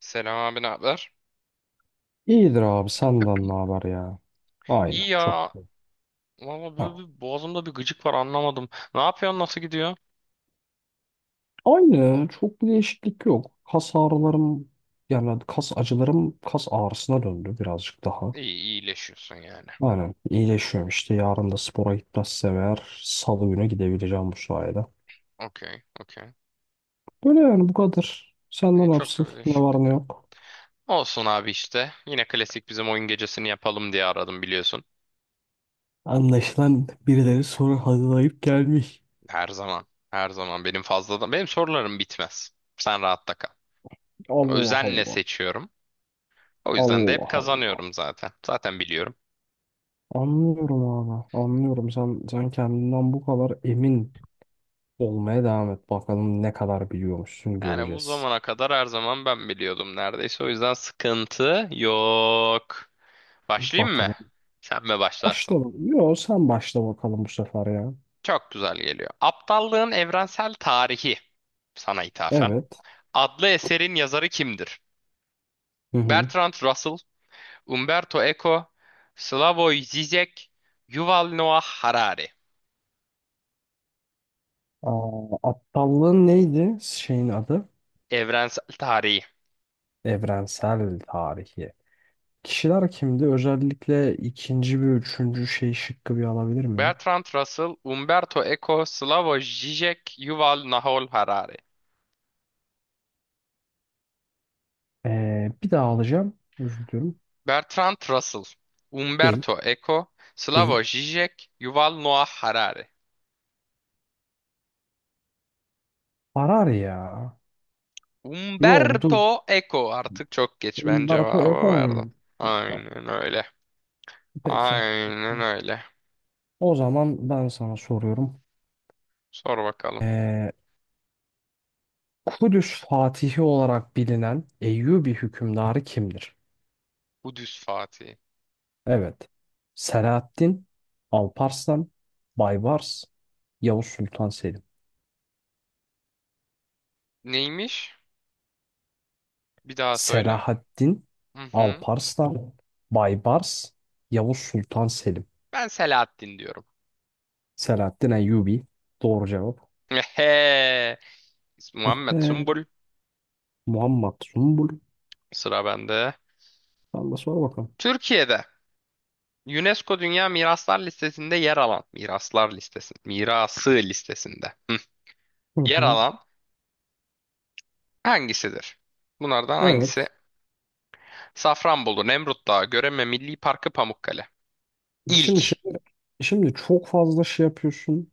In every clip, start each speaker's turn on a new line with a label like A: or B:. A: Selam abi, ne haber?
B: İyidir abi, senden ne haber ya? Aynı
A: İyi
B: çok.
A: ya. Valla böyle
B: Ha.
A: bir boğazımda bir gıcık var, anlamadım. Ne yapıyorsun, nasıl gidiyor?
B: Aynı çok, bir değişiklik yok. Kas ağrılarım, yani kas acılarım kas ağrısına döndü birazcık daha.
A: İyi, iyileşiyorsun yani.
B: Aynen, iyileşiyorum işte. Yarın da spora gitmezsem eğer salı günü gidebileceğim bu sayede.
A: Okey, okey.
B: Böyle yani, bu kadar. Senden
A: İyi,
B: ne
A: çok
B: yapsın?
A: da bir
B: Ne var ne
A: değişiklik yok.
B: yok?
A: Olsun abi işte. Yine klasik bizim oyun gecesini yapalım diye aradım, biliyorsun.
B: Anlaşılan birileri soru hazırlayıp gelmiş.
A: Her zaman. Her zaman benim fazladan. Benim sorularım bitmez. Sen rahatta kal.
B: Allah
A: Özenle
B: Allah.
A: seçiyorum. O yüzden de hep
B: Allah Allah.
A: kazanıyorum zaten. Zaten biliyorum.
B: Anlıyorum abi. Anlıyorum. Sen kendinden bu kadar emin olmaya devam et. Bakalım ne kadar biliyormuşsun,
A: Yani bu
B: göreceğiz.
A: zamana kadar her zaman ben biliyordum neredeyse. O yüzden sıkıntı yok. Başlayayım mı?
B: Bakalım.
A: Sen mi başlarsın?
B: Başla. Yo, sen başla bakalım bu sefer ya.
A: Çok güzel geliyor. Aptallığın Evrensel Tarihi sana ithafen.
B: Evet.
A: Adlı eserin yazarı kimdir?
B: Hı hı.
A: Bertrand Russell, Umberto Eco, Slavoj Zizek, Yuval Noah Harari.
B: Aa, aptallığın neydi? Şeyin adı?
A: Evrensel Tarihi.
B: Evrensel tarihi. Kişiler kimdi? Özellikle ikinci ve üçüncü şey şıkkı bir alabilir miyim?
A: Bertrand Russell, Umberto Eco, Slavoj Zizek, Yuval Noah Harari.
B: Bir daha alacağım. Özür diliyorum.
A: Bertrand Russell,
B: Değil.
A: Umberto Eco,
B: Değil.
A: Slavoj Zizek, Yuval Noah Harari.
B: Arar ya. Yo dur.
A: Umberto Eco. Artık çok geç, ben
B: Umberto Eco
A: cevabı verdim.
B: mu? Peki, tamam.
A: Aynen öyle.
B: Peki.
A: Aynen öyle.
B: O zaman ben sana soruyorum.
A: Sor bakalım.
B: Ee, Kudüs Fatihi olarak bilinen Eyyubi hükümdarı kimdir?
A: Kudüs Fatih.
B: Evet. Selahaddin, Alparslan, Baybars, Yavuz Sultan Selim.
A: Neymiş? Bir daha söyle.
B: Selahaddin,
A: Hı hı.
B: Alparslan, Baybars, Yavuz Sultan Selim.
A: Ben Selahattin diyorum.
B: Selahaddin Eyyubi. Doğru cevap.
A: Ehe. Muhammed
B: Ehe,
A: Sümbül.
B: Muhammed Zumbul.
A: Sıra bende.
B: Allah de, sor bakalım.
A: Türkiye'de UNESCO Dünya Miraslar Listesi'nde yer alan miraslar listesi, mirası listesinde hı,
B: Hı
A: yer
B: hı.
A: alan hangisidir? Bunlardan hangisi
B: Evet.
A: Safranbolu, Nemrut Dağı, Göreme Milli Parkı, Pamukkale.
B: Şimdi
A: İlk,
B: şey, şimdi çok fazla şey yapıyorsun.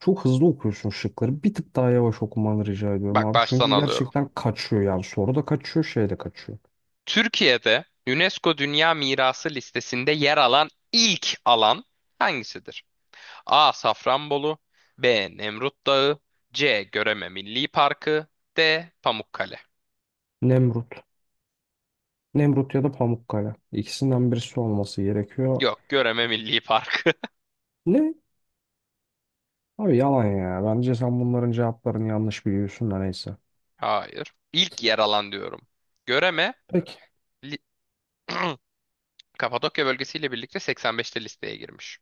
B: Çok hızlı okuyorsun şıkları. Bir tık daha yavaş okumanı rica ediyorum
A: bak
B: abi.
A: baştan
B: Çünkü
A: alıyorum.
B: gerçekten kaçıyor yani. Soru da kaçıyor, şey de kaçıyor.
A: Türkiye'de UNESCO Dünya Mirası listesinde yer alan ilk alan hangisidir? A. Safranbolu, B. Nemrut Dağı, C. Göreme Milli Parkı, D. Pamukkale.
B: Nemrut. Nemrut ya da Pamukkale. İkisinden birisi olması gerekiyor.
A: Yok, Göreme Milli Parkı.
B: Ne? Abi yalan ya. Bence sen bunların cevaplarını yanlış biliyorsun da neyse.
A: Hayır. İlk yer alan diyorum. Göreme
B: Peki.
A: li- Kapadokya bölgesiyle birlikte 85'te listeye girmiş.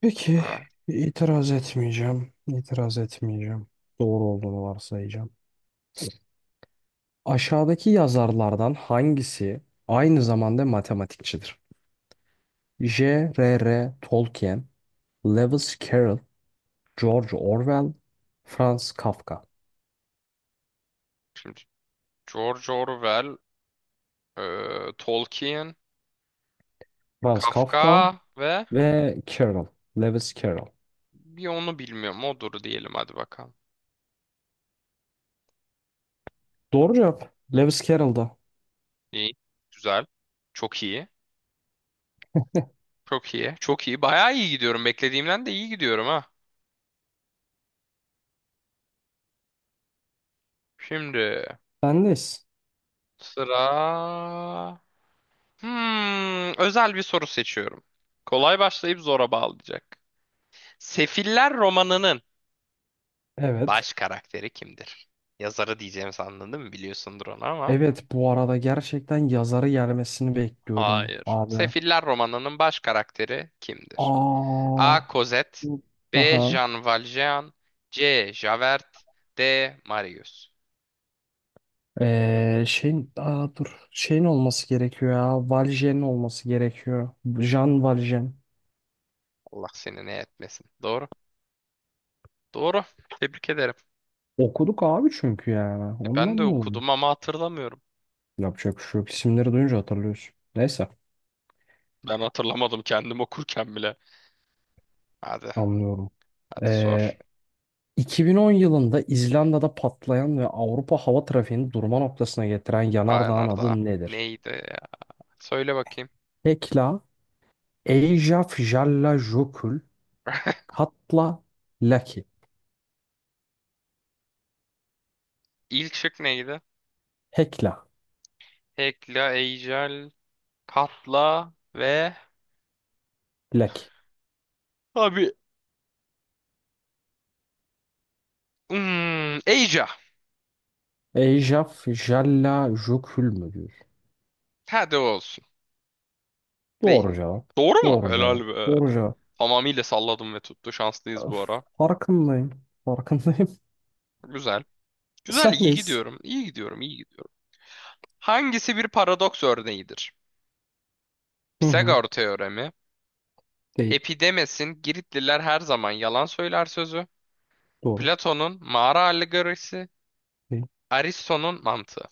B: Peki.
A: Ha.
B: İtiraz etmeyeceğim. İtiraz etmeyeceğim. Doğru olduğunu varsayacağım. Aşağıdaki yazarlardan hangisi aynı zamanda matematikçidir? J.R.R. Tolkien, Lewis Carroll, George Orwell, Franz Kafka.
A: Şimdi George Orwell, Tolkien,
B: Franz Kafka
A: Kafka ve
B: ve Carroll. Lewis Carroll.
A: bir onu bilmiyorum. Odur diyelim, hadi bakalım.
B: Doğru cevap. Lewis Carroll'da.
A: İyi. Güzel. Çok iyi. Çok iyi. Çok iyi. Bayağı iyi gidiyorum. Beklediğimden de iyi gidiyorum ha. Şimdi
B: Bendeyiz.
A: sıra... Hmm, özel bir soru seçiyorum. Kolay başlayıp zora bağlayacak. Sefiller romanının
B: Evet.
A: baş karakteri kimdir? Yazarı diyeceğim sandın değil mi? Biliyorsundur onu ama.
B: Evet bu arada gerçekten yazarı gelmesini bekliyordum
A: Hayır.
B: abi.
A: Sefiller romanının baş karakteri kimdir?
B: Aa.
A: A. Cosette, B.
B: Aha.
A: Jean Valjean, C. Javert, D. Marius.
B: Dur, şeyin olması gerekiyor ya, Valjean'in olması gerekiyor. Jean Valjean.
A: Allah seni ne etmesin. Doğru. Doğru. Tebrik ederim.
B: Okuduk abi, çünkü yani
A: E,
B: ondan
A: ben de
B: mı oluyor?
A: okudum ama hatırlamıyorum.
B: Yapacak bir şey yok. İsimleri duyunca hatırlıyorsun, neyse.
A: Ben hatırlamadım kendim okurken bile. Hadi.
B: Anlıyorum.
A: Hadi sor.
B: Ee, 2010 yılında İzlanda'da patlayan ve Avrupa hava trafiğini durma noktasına getiren
A: Aa
B: yanardağın
A: Narda.
B: adı nedir?
A: Neydi ya? Söyle bakayım.
B: Hekla, Eyjafjallajökull, Katla, Laki.
A: İlk şık neydi?
B: Hekla,
A: Hekla, Ejel, Katla ve...
B: Laki.
A: Abi. Hmm, Eyca.
B: Eyjafjallajökull mü diyor?
A: Hadi olsun. Değil.
B: Doğru cevap.
A: Doğru mu?
B: Doğru
A: Helal
B: cevap.
A: be.
B: Doğru cevap.
A: Tamamıyla salladım ve tuttu. Şanslıyız bu
B: Öf,
A: ara.
B: farkındayım. Farkındayım.
A: Güzel. Güzel, iyi
B: Sendeyiz.
A: gidiyorum. İyi gidiyorum, iyi gidiyorum. Hangisi bir paradoks örneğidir?
B: Hı hı.
A: Pisagor teoremi,
B: Değil.
A: Epidemes'in Giritliler her zaman yalan söyler sözü,
B: Doğru.
A: Platon'un mağara alegorisi,
B: Değil.
A: Aristo'nun mantığı.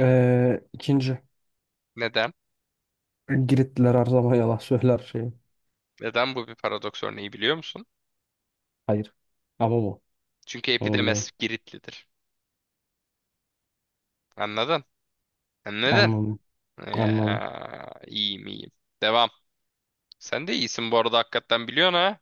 B: İkinci.
A: Neden?
B: Giritliler her zaman yalan söyler şey.
A: Neden bu bir paradoks örneği, biliyor musun?
B: Hayır. Ama bu.
A: Çünkü
B: Onu biliyorum.
A: Epidemes Giritlidir. Anladın? Neden?
B: Anladım. Anladım.
A: Ya, iyiyim iyiyim. Devam. Sen de iyisin bu arada, hakikaten biliyorsun ha.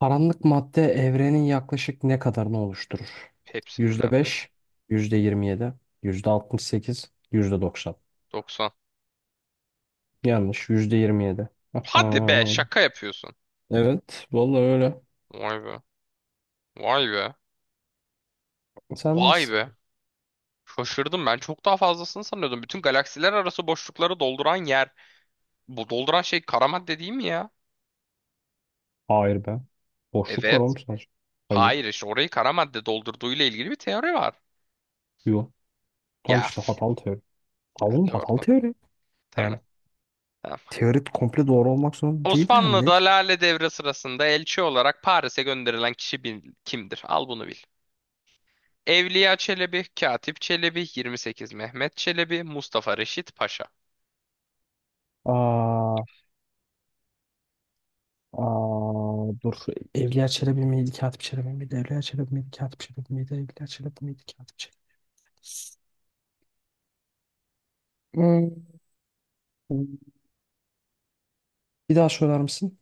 B: Karanlık madde evrenin yaklaşık ne kadarını oluşturur? Yüzde
A: Hepsini neredeyse.
B: yüzde yüzde beş, yirmi yedi, yüzde altmış sekiz, yüzde doksan.
A: 90.
B: Yanlış. Yüzde yirmi yedi.
A: Hadi be,
B: Aha.
A: şaka yapıyorsun.
B: Evet. Vallahi öyle.
A: Vay be. Vay be.
B: Sen
A: Vay
B: nesin?
A: be. Şaşırdım ben. Çok daha fazlasını sanıyordum. Bütün galaksiler arası boşlukları dolduran yer. Bu dolduran şey kara madde değil mi ya?
B: Hayır be. Boşluk var
A: Evet.
B: oğlum sadece. Hayır.
A: Hayır, işte orayı kara madde doldurduğuyla ilgili bir teori var.
B: Yok. Tam
A: Ya.
B: işte
A: Üf.
B: hatalı teori. Tamam oğlum,
A: Hadi
B: hatalı
A: orada.
B: teori.
A: Tamam.
B: Yani
A: Tamam.
B: teori komple doğru olmak zorunda değil yani.
A: Osmanlı'da
B: Neyse.
A: Lale Devri sırasında elçi olarak Paris'e gönderilen kişi kimdir? Al bunu bil. Evliya Çelebi, Katip Çelebi, 28 Mehmet Çelebi, Mustafa Reşit Paşa.
B: Aa. Aa, dur. Evliya Çelebi miydi? Katip Çelebi miydi? Evliya Çelebi miydi? Katip Çelebi miydi? Evliya Çelebi miydi? Katip Çelebi. Hmm. Bir daha söyler misin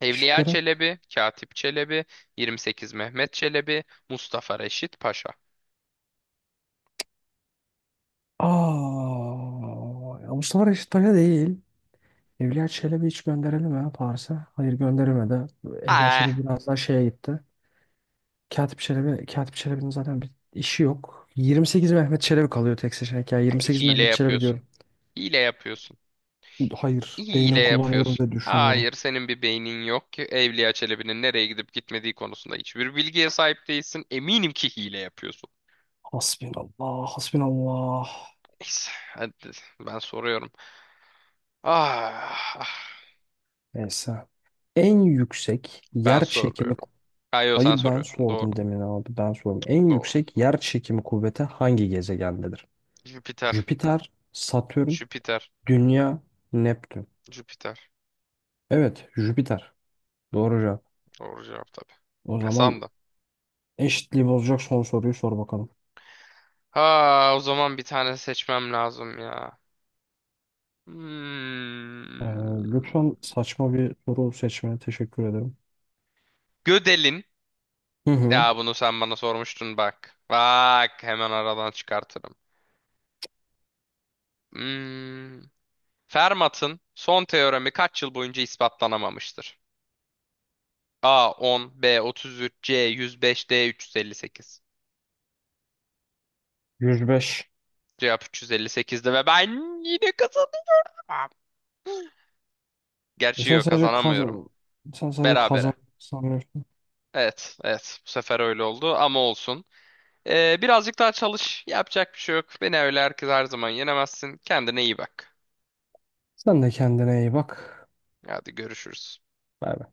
A: Evliya
B: şıkları?
A: Çelebi, Katip Çelebi, 28 Mehmet Çelebi, Mustafa Reşit Paşa.
B: Aa, ya Mustafa Reşit Paşa değil. Evliya Çelebi hiç gönderelim mi Paris'e? Hayır, gönderilmedi. Evliya
A: Ah,
B: Çelebi biraz daha şeye gitti. Katip Çelebi, Katip Çelebi'nin zaten bir işi yok. Yirmi sekiz Mehmet Çelebi kalıyor tek seçenek ya. Yirmi sekiz
A: hile
B: Mehmet Çelebi
A: yapıyorsun.
B: diyorum.
A: Hile yapıyorsun.
B: Hayır,
A: Hile
B: beynim kullanıyorum
A: yapıyorsun.
B: ve düşünüyorum.
A: Hayır, senin bir beynin yok ki. Evliya Çelebi'nin nereye gidip gitmediği konusunda hiçbir bilgiye sahip değilsin. Eminim ki hile yapıyorsun.
B: Hasbinallah, hasbinallah.
A: Neyse, hadi ben soruyorum. Ah, ah,
B: Neyse. En yüksek
A: ben
B: yer çekimi.
A: soruyorum. Hayır, sen
B: Hayır ben
A: soruyorsun. Doğru.
B: sordum demin abi, ben sordum. En
A: Doğru.
B: yüksek yer çekimi kuvveti hangi gezegendedir?
A: Jüpiter.
B: Jüpiter, Satürn,
A: Jüpiter.
B: Dünya, Neptün.
A: Jüpiter.
B: Evet, Jüpiter. Doğru cevap.
A: Doğru cevap tabii.
B: O
A: Ne
B: zaman
A: sandın?
B: eşitliği bozacak son soruyu sor bakalım.
A: Ha, o zaman bir tane seçmem lazım ya.
B: Ee,
A: Hmm.
B: lütfen saçma bir soru seçmene teşekkür ederim.
A: Gödel'in.
B: Hı hı.
A: Ya bunu sen bana sormuştun bak. Bak hemen aradan çıkartırım. Hmm. Fermat'ın son teoremi kaç yıl boyunca ispatlanamamıştır? A 10, B 33, C 105, D 358.
B: 105.
A: Cevap 358'di ve ben yine kazanıyorum. Gerçi
B: Sen
A: yok,
B: sadece kaz
A: kazanamıyorum.
B: Sen sadece kazan
A: Berabere.
B: sanıyorsun.
A: Evet, evet. Bu sefer öyle oldu ama olsun. Birazcık daha çalış. Yapacak bir şey yok. Beni öyle herkes her zaman yenemezsin. Kendine iyi bak.
B: Sen de kendine iyi bak.
A: Hadi görüşürüz.
B: Bay bay.